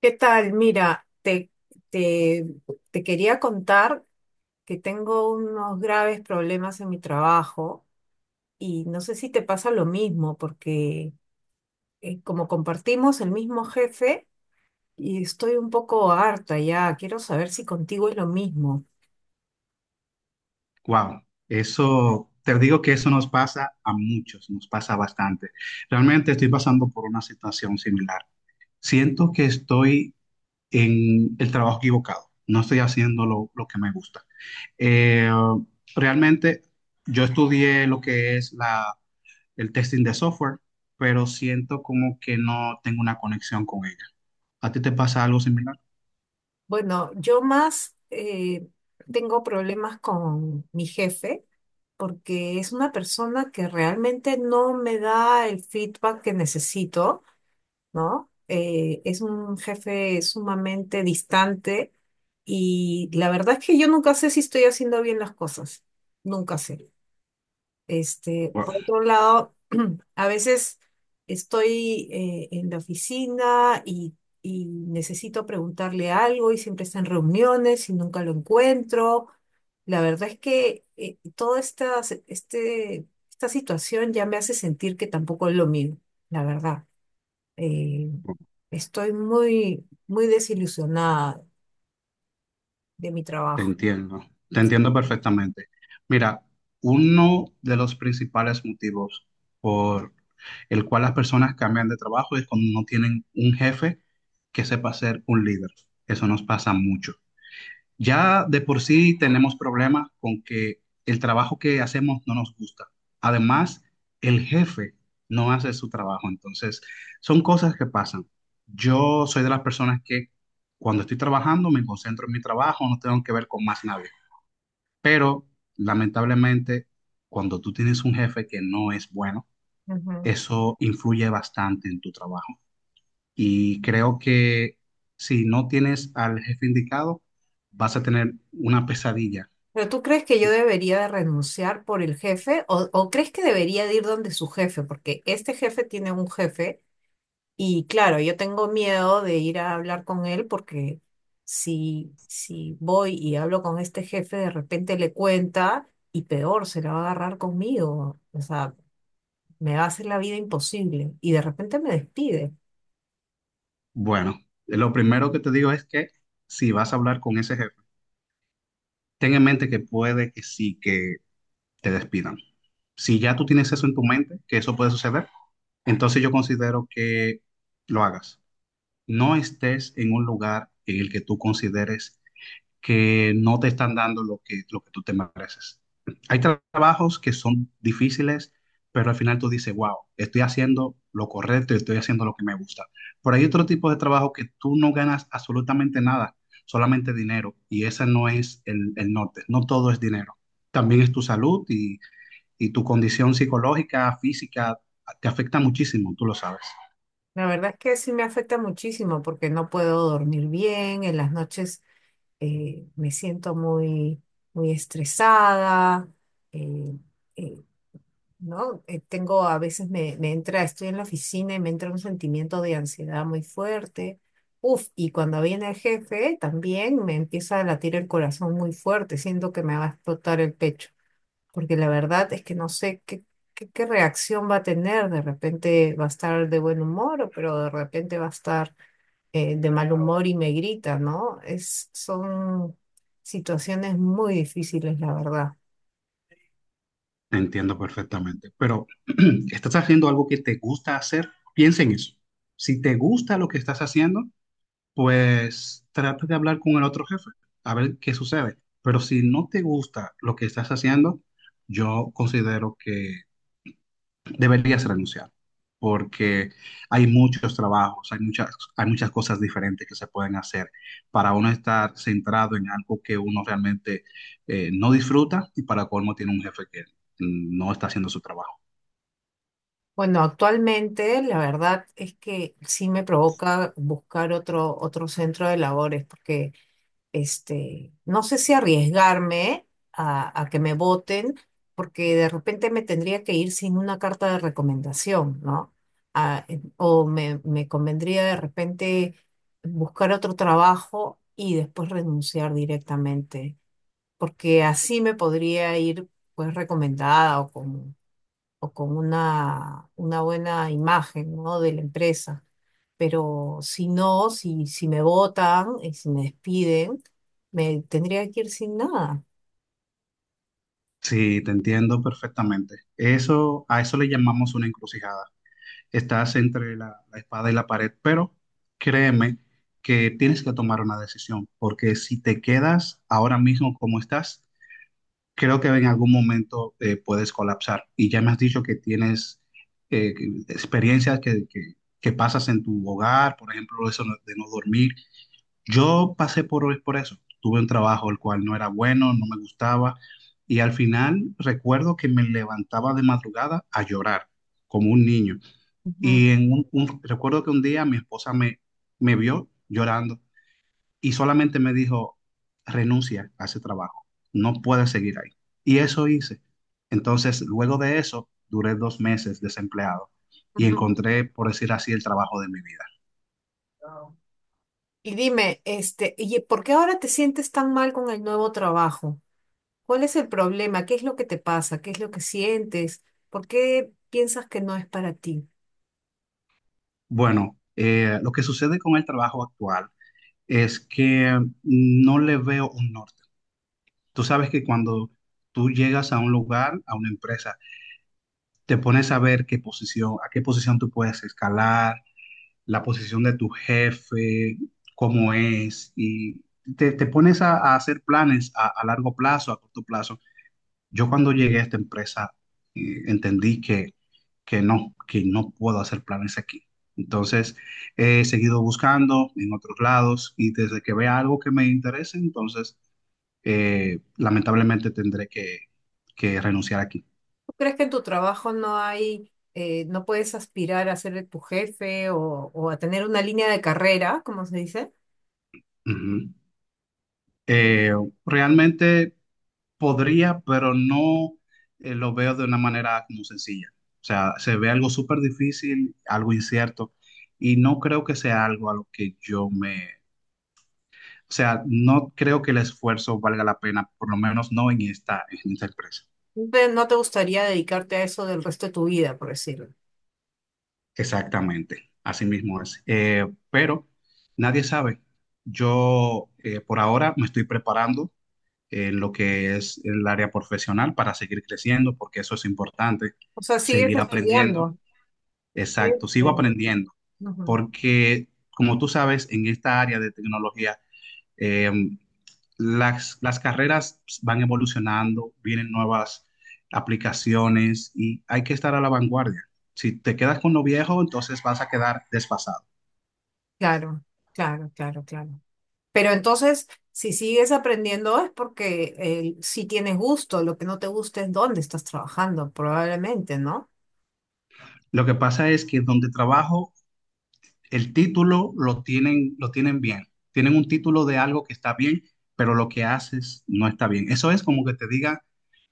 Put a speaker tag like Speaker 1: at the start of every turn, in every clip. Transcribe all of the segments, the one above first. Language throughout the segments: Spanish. Speaker 1: ¿Qué tal? Mira, te, te quería contar que tengo unos graves problemas en mi trabajo y no sé si te pasa lo mismo porque como compartimos el mismo jefe y estoy un poco harta ya, quiero saber si contigo es lo mismo.
Speaker 2: Wow, eso, te digo que eso nos pasa a muchos, nos pasa bastante. Realmente estoy pasando por una situación similar. Siento que estoy en el trabajo equivocado, no estoy haciendo lo que me gusta. Eh, Realmente yo estudié lo que es el testing de software, pero siento como que no tengo una conexión con ella. ¿A ti te pasa algo similar?
Speaker 1: Bueno, yo más tengo problemas con mi jefe porque es una persona que realmente no me da el feedback que necesito, ¿no? Es un jefe sumamente distante y la verdad es que yo nunca sé si estoy haciendo bien las cosas, nunca sé. Este,
Speaker 2: Wow.
Speaker 1: por otro lado, a veces estoy en la oficina y necesito preguntarle algo y siempre está en reuniones y nunca lo encuentro. La verdad es que toda esta, esta situación ya me hace sentir que tampoco es lo mío, la verdad. eh, Estoy muy desilusionada de mi trabajo.
Speaker 2: Te entiendo perfectamente. Mira, uno de los principales motivos por el cual las personas cambian de trabajo es cuando no tienen un jefe que sepa ser un líder. Eso nos pasa mucho. Ya de por sí tenemos problemas con que el trabajo que hacemos no nos gusta. Además, el jefe no hace su trabajo. Entonces, son cosas que pasan. Yo soy de las personas que cuando estoy trabajando me concentro en mi trabajo, no tengo que ver con más nadie. Pero, lamentablemente, cuando tú tienes un jefe que no es bueno,
Speaker 1: Ujú.
Speaker 2: eso influye bastante en tu trabajo. Y creo que si no tienes al jefe indicado, vas a tener una pesadilla.
Speaker 1: ¿Pero tú crees que yo debería de renunciar por el jefe o crees que debería de ir donde su jefe? Porque este jefe tiene un jefe y claro, yo tengo miedo de ir a hablar con él porque si voy y hablo con este jefe, de repente le cuenta y peor, se la va a agarrar conmigo. O sea, me va a hacer la vida imposible y de repente me despide.
Speaker 2: Bueno, lo primero que te digo es que si vas a hablar con ese jefe, ten en mente que puede que sí que te despidan. Si ya tú tienes eso en tu mente, que eso puede suceder, entonces yo considero que lo hagas. No estés en un lugar en el que tú consideres que no te están dando lo que tú te mereces. Hay trabajos que son difíciles, pero al final tú dices, wow, estoy haciendo lo correcto y estoy haciendo lo que me gusta. Pero hay otro tipo de trabajo que tú no ganas absolutamente nada, solamente dinero, y ese no es el norte, no todo es dinero. También es tu salud y tu condición psicológica, física, te afecta muchísimo, tú lo sabes.
Speaker 1: La verdad es que sí me afecta muchísimo porque no puedo dormir bien en las noches. Me siento muy estresada, eh, eh, ¿no? Tengo, a veces me entra, estoy en la oficina y me entra un sentimiento de ansiedad muy fuerte. Uf, y cuando viene el jefe también me empieza a latir el corazón muy fuerte, siento que me va a explotar el pecho porque la verdad es que no sé qué reacción va a tener. De repente va a estar de buen humor, pero de repente va a estar de mal humor y me grita, ¿no? Son situaciones muy difíciles, la verdad.
Speaker 2: Entiendo perfectamente, pero estás haciendo algo que te gusta hacer, piensa en eso. Si te gusta lo que estás haciendo, pues trata de hablar con el otro jefe, a ver qué sucede. Pero si no te gusta lo que estás haciendo, yo considero que deberías renunciar, porque hay muchos trabajos, hay muchas cosas diferentes que se pueden hacer para uno estar centrado en algo que uno realmente no disfruta y para colmo tiene un jefe que no está haciendo su trabajo.
Speaker 1: Bueno, actualmente la verdad es que sí me provoca buscar otro centro de labores, porque este, no sé si arriesgarme a que me voten, porque de repente me tendría que ir sin una carta de recomendación, ¿no? O me convendría de repente buscar otro trabajo y después renunciar directamente, porque así me podría ir pues recomendada o con una buena imagen, ¿no?, de la empresa. Pero si no, si me votan y si me despiden, me tendría que ir sin nada.
Speaker 2: Sí, te entiendo perfectamente. Eso, a eso le llamamos una encrucijada. Estás entre la espada y la pared, pero créeme que tienes que tomar una decisión, porque si te quedas ahora mismo como estás, creo que en algún momento puedes colapsar. Y ya me has dicho que tienes experiencias que pasas en tu hogar, por ejemplo, eso no- de no dormir. Yo pasé por eso. Tuve un trabajo el cual no era bueno, no me gustaba. Y al final recuerdo que me levantaba de madrugada a llorar, como un niño.
Speaker 1: Ujú,
Speaker 2: Y en recuerdo que un día mi esposa me vio llorando y solamente me dijo, renuncia a ese trabajo, no puedes seguir ahí. Y eso hice. Entonces, luego de eso, duré dos meses desempleado y
Speaker 1: ujú.
Speaker 2: encontré, por decir así, el trabajo de mi vida.
Speaker 1: Wow. Y dime, este, ¿y por qué ahora te sientes tan mal con el nuevo trabajo? ¿Cuál es el problema? ¿Qué es lo que te pasa? ¿Qué es lo que sientes? ¿Por qué piensas que no es para ti?
Speaker 2: Bueno, lo que sucede con el trabajo actual es que no le veo un norte. Tú sabes que cuando tú llegas a un lugar, a una empresa, te pones a ver qué posición, a qué posición tú puedes escalar, la posición de tu jefe, cómo es, y te pones a hacer planes a largo plazo, a corto plazo. Yo cuando llegué a esta empresa entendí que no puedo hacer planes aquí. Entonces, he seguido buscando en otros lados y desde que vea algo que me interese, entonces, lamentablemente tendré que renunciar aquí.
Speaker 1: ¿Crees que en tu trabajo no hay, no puedes aspirar a ser tu jefe o a tener una línea de carrera, como se dice?
Speaker 2: Ujú. Eh, realmente podría, pero no lo veo de una manera como sencilla. O sea, se ve algo súper difícil, algo incierto, y no creo que sea algo a lo que yo me... O sea, no creo que el esfuerzo valga la pena, por lo menos no en en esta empresa.
Speaker 1: ¿No te gustaría dedicarte a eso del resto de tu vida, por decirlo?
Speaker 2: Exactamente, así mismo es. Pero nadie sabe. Yo por ahora me estoy preparando en lo que es el área profesional para seguir creciendo, porque eso es importante,
Speaker 1: O sea, sigues
Speaker 2: seguir aprendiendo.
Speaker 1: estudiando. Sigues
Speaker 2: Exacto, sigo
Speaker 1: estudiando.
Speaker 2: aprendiendo,
Speaker 1: Ujú.
Speaker 2: porque como tú sabes, en esta área de tecnología, eh, las carreras van evolucionando, vienen nuevas aplicaciones y hay que estar a la vanguardia. Si te quedas con lo viejo, entonces vas a quedar desfasado.
Speaker 1: Claro, claro, claro, claro. Pero entonces, si sigues aprendiendo es porque si tienes gusto, lo que no te gusta es dónde estás trabajando, probablemente, ¿no?
Speaker 2: Lo que pasa es que donde trabajo, el título lo tienen bien. Tienen un título de algo que está bien, pero lo que haces no está bien. Eso es como que te diga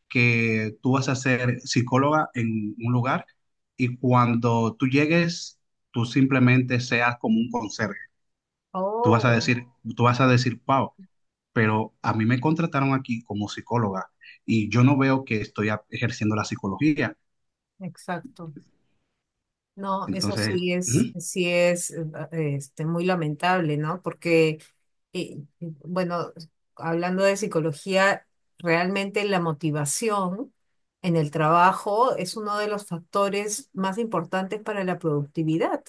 Speaker 2: que tú vas a ser psicóloga en un lugar y cuando tú llegues, tú simplemente seas como un conserje. Tú vas a
Speaker 1: Oh,
Speaker 2: decir, tú vas a decir, wow, pero a mí me contrataron aquí como psicóloga y yo no veo que estoy ejerciendo la psicología.
Speaker 1: exacto. No, eso
Speaker 2: Entonces, ujú,
Speaker 1: sí es este, muy lamentable, ¿no? Porque, bueno, hablando de psicología, realmente la motivación en el trabajo es uno de los factores más importantes para la productividad,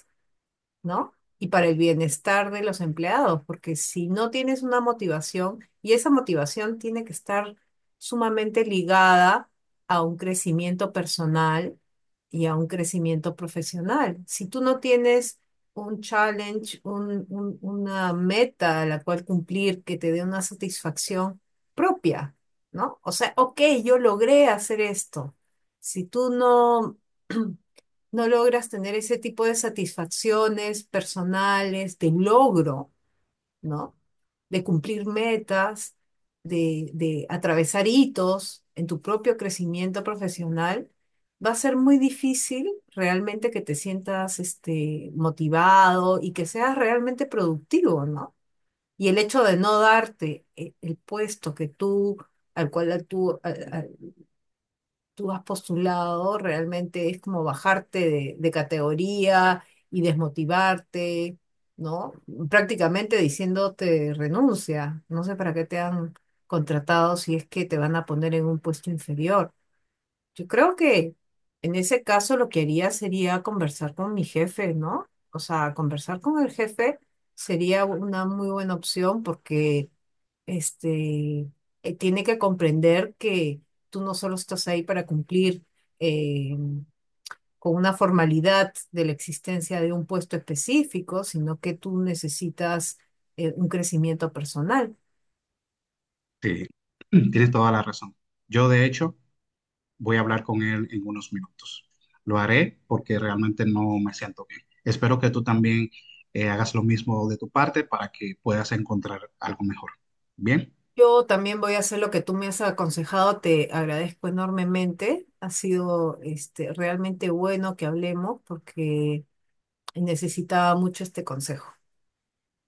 Speaker 1: ¿no? Y para el bienestar de los empleados, porque si no tienes una motivación, y esa motivación tiene que estar sumamente ligada a un crecimiento personal y a un crecimiento profesional. Si tú no tienes un challenge, una meta a la cual cumplir que te dé una satisfacción propia, ¿no? O sea, ok, yo logré hacer esto. Si tú no no logras tener ese tipo de satisfacciones personales, de logro, ¿no? De cumplir metas, de atravesar hitos en tu propio crecimiento profesional, va a ser muy difícil realmente que te sientas este, motivado y que seas realmente productivo, ¿no? Y el hecho de no darte el puesto que tú, al cual tú, tú has postulado realmente es como bajarte de categoría y desmotivarte, ¿no? Prácticamente diciéndote renuncia. No sé para qué te han contratado si es que te van a poner en un puesto inferior. Yo creo que en ese caso lo que haría sería conversar con mi jefe, ¿no? O sea, conversar con el jefe sería una muy buena opción porque este, tiene que comprender que tú no solo estás ahí para cumplir eh, con una formalidad de la existencia de un puesto específico, sino que tú necesitas un crecimiento personal.
Speaker 2: sí, tienes toda la razón. Yo, de hecho, voy a hablar con él en unos minutos. Lo haré porque realmente no me siento bien. Espero que tú también hagas lo mismo de tu parte para que puedas encontrar algo mejor. Bien,
Speaker 1: Yo también voy a hacer lo que tú me has aconsejado, te agradezco enormemente. Ha sido este, realmente bueno que hablemos porque necesitaba mucho este consejo.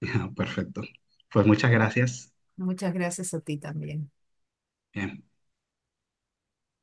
Speaker 2: perfecto. Pues muchas gracias.
Speaker 1: Muchas gracias a ti también.
Speaker 2: Bien.